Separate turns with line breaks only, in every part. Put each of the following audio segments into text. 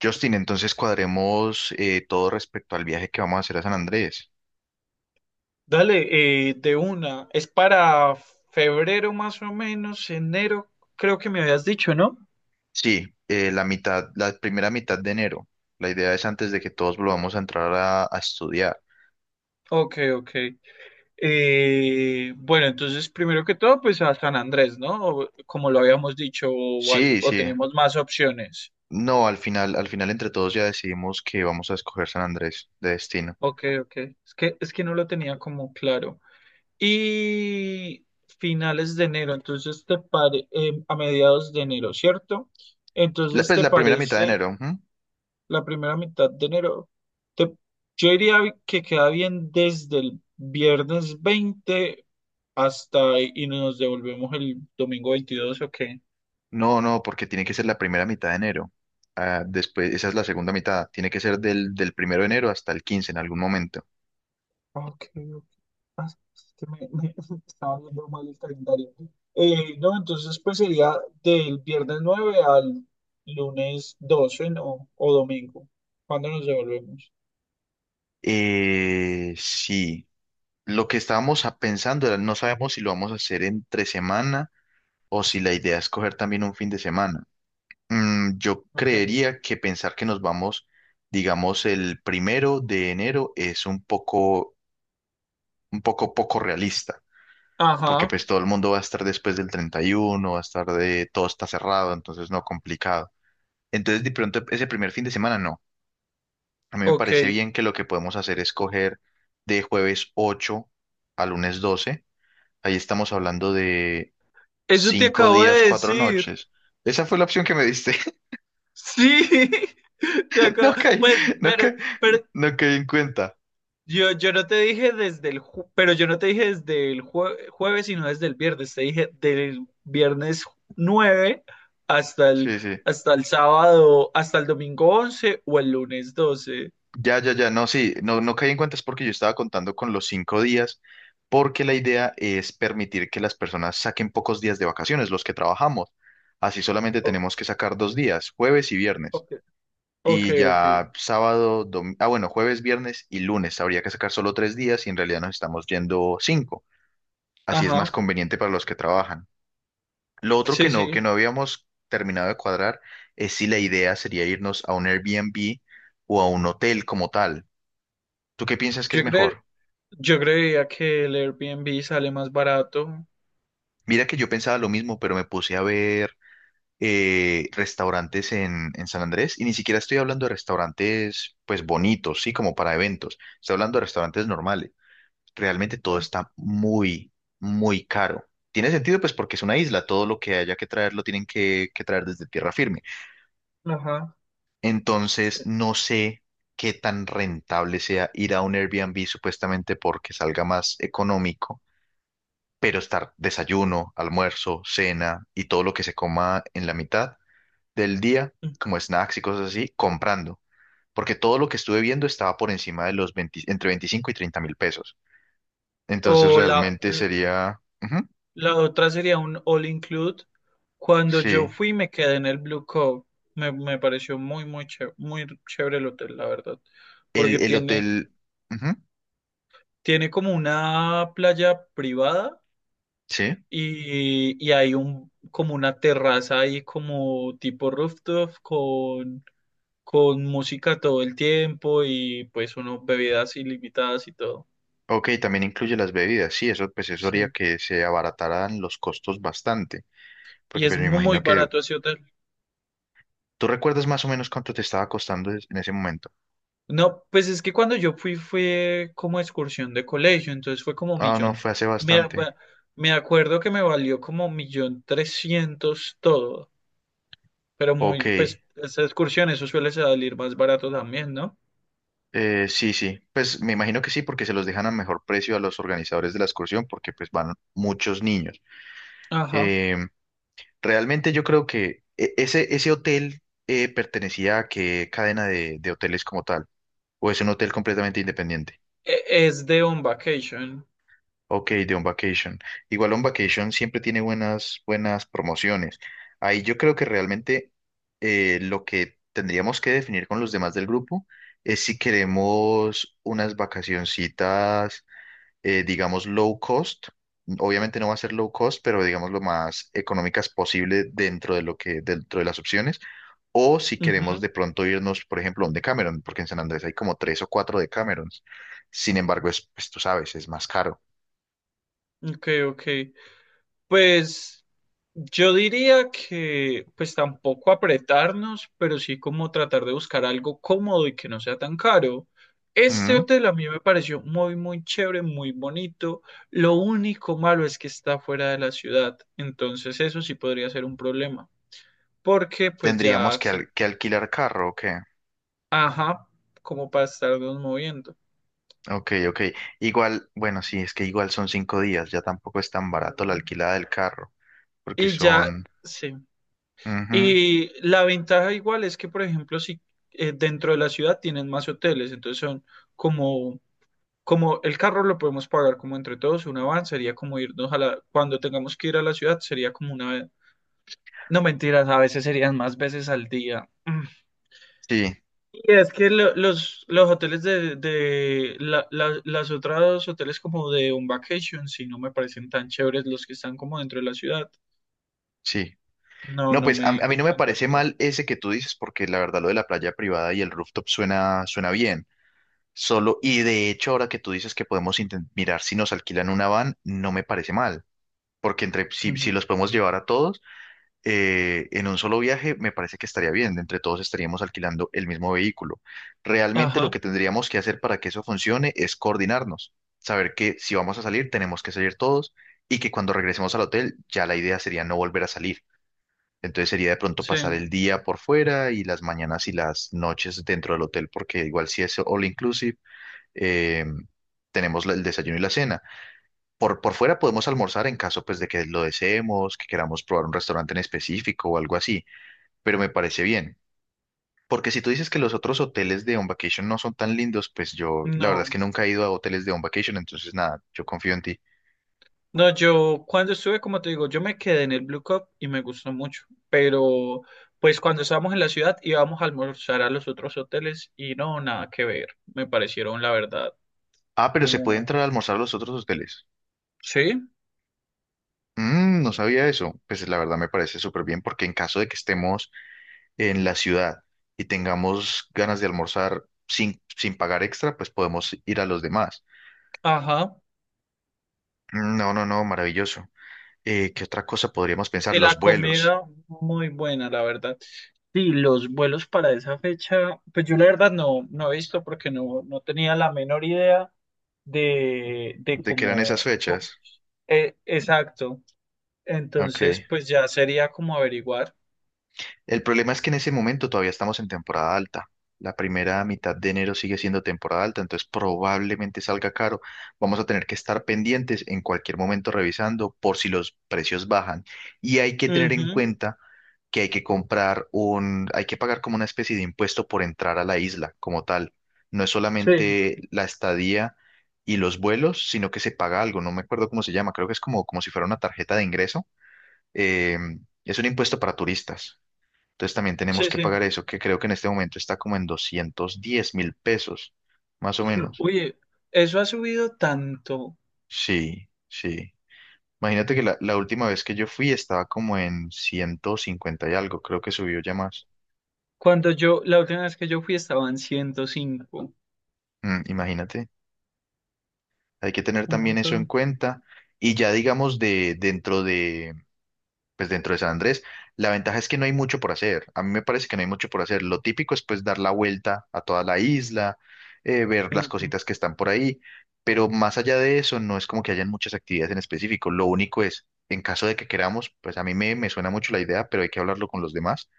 Justin, entonces cuadremos todo respecto al viaje que vamos a hacer a San Andrés.
Dale, de una. Es para febrero más o menos, enero, creo que me habías dicho, ¿no?
Sí, la primera mitad de enero. La idea es antes de que todos volvamos a entrar a estudiar.
Ok, ok. Bueno, entonces primero que todo, pues a San Andrés, ¿no? Como lo habíamos dicho,
Sí,
o
sí.
tenemos más opciones.
No, al final entre todos ya decidimos que vamos a escoger San Andrés de destino.
Ok, ok. Es que no lo tenía como claro. Y finales de enero, entonces a mediados de enero, ¿cierto?
La,
Entonces,
pues
¿te
la primera mitad de
parece?
enero. Ujú.
La primera mitad de enero. Te- yo diría que queda bien desde el viernes 20 hasta y nos devolvemos el domingo 22, ¿ok?
No, no, porque tiene que ser la primera mitad de enero. Ah, después, esa es la segunda mitad. Tiene que ser del 1 de enero hasta el 15 en algún momento.
Ok, ok. Ah, es que me estaba viendo mal el calendario. No, entonces pues sería del viernes 9 al lunes 12, ¿no? O domingo. ¿Cuándo nos devolvemos?
Sí. Lo que estábamos pensando era, no sabemos si lo vamos a hacer entre semana o si la idea es coger también un fin de semana. Yo
Ok.
creería que pensar que nos vamos, digamos, el 1 de enero es un poco poco realista, porque
Ajá,
pues todo el mundo va a estar después del 31, va a estar de, todo está cerrado, entonces no complicado. Entonces, de pronto, ese primer fin de semana no. A mí me
ok.
parece bien que lo que podemos hacer es coger de jueves 8 a lunes 12. Ahí estamos hablando de
Eso te
Cinco
acabo
días,
de
cuatro
decir.
noches. Esa fue la opción que me diste.
Sí,
No caí,
pues,
no
pero,
caí,
pero
no caí en cuenta.
yo no te dije pero yo no te dije desde el jueves, sino desde el viernes. Te dije del viernes 9 hasta el,
Sí, sí.
hasta el sábado, hasta el domingo 11 o el lunes 12.
Ya, ya, ya. No, sí, no, no caí en cuenta es porque yo estaba contando con los 5 días, porque la idea es permitir que las personas saquen pocos días de vacaciones, los que trabajamos. Así solamente
O-
tenemos que sacar 2 días, jueves y viernes.
ok, ok,
Y
ok.
ya sábado, ah, bueno, jueves, viernes y lunes. Habría que sacar solo 3 días y en realidad nos estamos yendo cinco. Así es más
Ajá,
conveniente para los que trabajan. Lo otro
sí,
que no,
sí.
que no habíamos terminado de cuadrar es si la idea sería irnos a un Airbnb o a un hotel como tal. ¿Tú qué piensas que es
Yo cre,
mejor?
yo creía que el Airbnb sale más barato.
Mira que yo pensaba lo mismo, pero me puse a ver restaurantes en San Andrés y ni siquiera estoy hablando de restaurantes pues bonitos, sí, como para eventos. Estoy hablando de restaurantes normales. Realmente todo está muy, muy caro. Tiene sentido pues porque es una isla, todo lo que haya que traer lo tienen que traer desde tierra firme.
Ajá.
Entonces, no sé qué tan rentable sea ir a un Airbnb supuestamente porque salga más económico, pero estar desayuno, almuerzo, cena y todo lo que se coma en la mitad del día, como snacks y cosas así, comprando. Porque todo lo que estuve viendo estaba por encima de los 20 entre 25 y 30 mil pesos. Entonces,
O la,
realmente sería. Ujú,
la otra sería un all include. Cuando yo
sí.
fui me quedé en el Blue Cove. Me pareció muy, muy chévere el hotel, la verdad.
El,
Porque
el
tiene,
hotel. Ujú,
tiene como una playa privada
sí.
y hay como una terraza ahí como tipo rooftop con música todo el tiempo y pues unas bebidas ilimitadas y todo.
Ok, también incluye las bebidas. Sí, eso, pues eso haría
Sí.
que se abarataran los costos bastante.
Y
Porque
es
pues me
muy
imagino que
barato ese hotel.
tú recuerdas más o menos cuánto te estaba costando en ese momento.
No, pues es que cuando yo fui fue como excursión de colegio, entonces fue como
Ah, no,
millón.
fue hace
Me,
bastante.
me me acuerdo que me valió como millón trescientos todo, pero
Ok,
pues esa excursión, eso suele salir más barato también, ¿no?
sí, sí. Pues me imagino que sí, porque se los dejan a mejor precio a los organizadores de la excursión, porque pues van muchos niños.
Ajá.
Eh, Realmente yo creo que ese hotel pertenecía a qué cadena de hoteles como tal, o es un hotel completamente independiente.
Es de On Vacation.
Ok, de On Vacation. Igual On Vacation siempre tiene buenas, buenas promociones. Ahí yo creo que realmente lo que tendríamos que definir con los demás del grupo es si queremos unas vacacioncitas, digamos, low cost. Obviamente no va a ser low cost, pero digamos lo más económicas posible dentro de lo que, dentro de las opciones. O si queremos
Ujú.
de pronto irnos, por ejemplo, a un Decameron, porque en San Andrés hay como tres o cuatro Decamerons. Sin embargo, es, pues tú sabes, es más caro.
Ok, ok. Pues yo diría que pues tampoco apretarnos, pero sí como tratar de buscar algo cómodo y que no sea tan caro. Este hotel a mí me pareció muy, muy chévere, muy bonito. Lo único malo es que está fuera de la ciudad, entonces eso sí podría ser un problema, porque pues
Tendríamos
ya
que,
sí,
al- que alquilar carro, ¿o qué?
ajá, como para estarnos moviendo.
Ok, ok. Igual, bueno, sí, es que igual son 5 días, ya tampoco es tan barato la alquilada del carro, porque
Y ya,
son.
sí.
Ujú,
Y la ventaja igual es que, por ejemplo, si dentro de la ciudad tienen más hoteles, entonces son como, como el carro lo podemos pagar como entre todos, una van sería como irnos a la, cuando tengamos que ir a la ciudad sería como una, no mentiras, a veces serían más veces al día. Mm.
sí,
Y es que los hoteles de las otras hoteles como de un vacation, si no me parecen tan chéveres los que están como dentro de la ciudad.
sí.
No,
No,
no
pues a,
me
a mí no me
gustan
parece
tanto.
mal ese que tú dices, porque la verdad lo de la playa privada y el rooftop suena, suena bien. Solo, y de hecho ahora que tú dices que podemos mirar si nos alquilan una van, no me parece mal, porque entre, si, si
Ujú.
los podemos llevar a todos en un solo viaje, me parece que estaría bien. Entre todos estaríamos alquilando el mismo vehículo. Realmente lo
Ajá,
que tendríamos que hacer para que eso funcione es coordinarnos, saber que si vamos a salir, tenemos que salir todos y que cuando regresemos al hotel, ya la idea sería no volver a salir. Entonces sería de pronto
sí,
pasar el día por fuera y las mañanas y las noches dentro del hotel, porque igual si es all inclusive, eh, tenemos el desayuno y la cena. Por fuera podemos almorzar en caso pues de que lo deseemos, que queramos probar un restaurante en específico o algo así, pero me parece bien. Porque si tú dices que los otros hoteles de On Vacation no son tan lindos, pues yo la verdad es que
no.
nunca he ido a hoteles de On Vacation, entonces nada, yo confío en ti.
No, yo cuando estuve, como te digo, yo me quedé en el Blue Cup y me gustó mucho, pero pues cuando estábamos en la ciudad íbamos a almorzar a los otros hoteles y no, nada que ver, me parecieron la verdad
Ah, pero se puede
como,
entrar a almorzar a los otros hoteles.
sí,
No sabía eso. Pues la verdad me parece súper bien porque en caso de que estemos en la ciudad y tengamos ganas de almorzar sin pagar extra, pues podemos ir a los demás.
ajá,
Mm, no, no, no, maravilloso. ¿Qué otra cosa podríamos pensar?
y
Los
la
vuelos.
comida muy buena, la verdad. Sí, los vuelos para esa fecha, pues yo la verdad no he visto porque no tenía la menor idea de
¿De qué eran esas fechas?
exacto, entonces
Ok.
pues ya sería como averiguar.
El problema es que en ese momento todavía estamos en temporada alta. La primera mitad de enero sigue siendo temporada alta, entonces probablemente salga caro. Vamos a tener que estar pendientes en cualquier momento revisando por si los precios bajan. Y hay que tener en
Ujú.
cuenta que hay que hay que pagar como una especie de impuesto por entrar a la isla como tal. No es
Sí,
solamente la estadía y los vuelos, sino que se paga algo. No me acuerdo cómo se llama, creo que es como, si fuera una tarjeta de ingreso. Es un impuesto para turistas. Entonces también tenemos
sí,
que
sí.
pagar eso, que creo que en este momento está como en 210 mil pesos, más o menos.
Oye, eso ha subido tanto.
Sí, sí. Imagínate que la última vez que yo fui estaba como en 150 y algo, creo que subió ya más.
La última vez que yo fui estaban 105.
Imagínate, hay que tener
Un
también eso en
montón.
cuenta. Y ya digamos de dentro de pues dentro de San Andrés, la ventaja es que no hay mucho por hacer. A mí me parece que no hay mucho por hacer. Lo típico es pues dar la vuelta a toda la isla, ver las
Ujú.
cositas que están por ahí, pero más allá de eso no es como que hayan muchas actividades en específico. Lo único es, en caso de que queramos, pues a mí me suena mucho la idea, pero hay que hablarlo con los demás,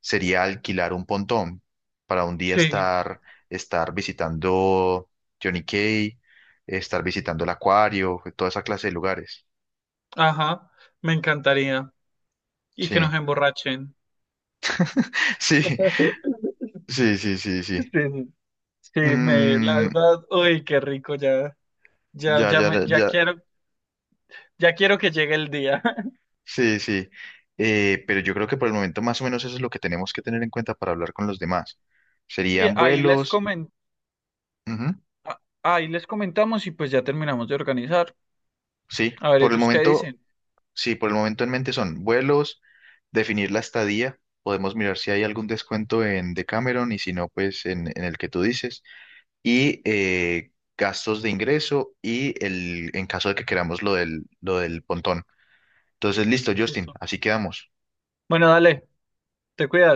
sería alquilar un pontón para un día
Sí,
estar, visitando Johnny Cay, estar visitando el acuario, toda esa clase de lugares.
ajá. Me encantaría. Y que nos
Sí,
emborrachen.
sí, sí, sí, sí,
Sí,
sí.
sí, sí, la
Mm,
verdad, uy, qué rico ya. Ya,
ya,
ya
ya,
me,
ya,
ya
ya.
quiero, ya quiero que llegue el día.
Sí, sí. Pero yo creo que por el momento más o menos eso es lo que tenemos que tener en cuenta para hablar con los demás.
Sí,
Serían vuelos. Ujú,
ahí les comentamos y pues ya terminamos de organizar.
sí,
A ver
por el
ellos qué
momento,
dicen.
sí, por el momento en mente son vuelos, definir la estadía. Podemos mirar si hay algún descuento en Decameron y si no, pues en el que tú dices. Y gastos de ingreso y en caso de que queramos lo del pontón. Entonces, listo, Justin,
Listo.
así quedamos.
Bueno, dale, te cuidas.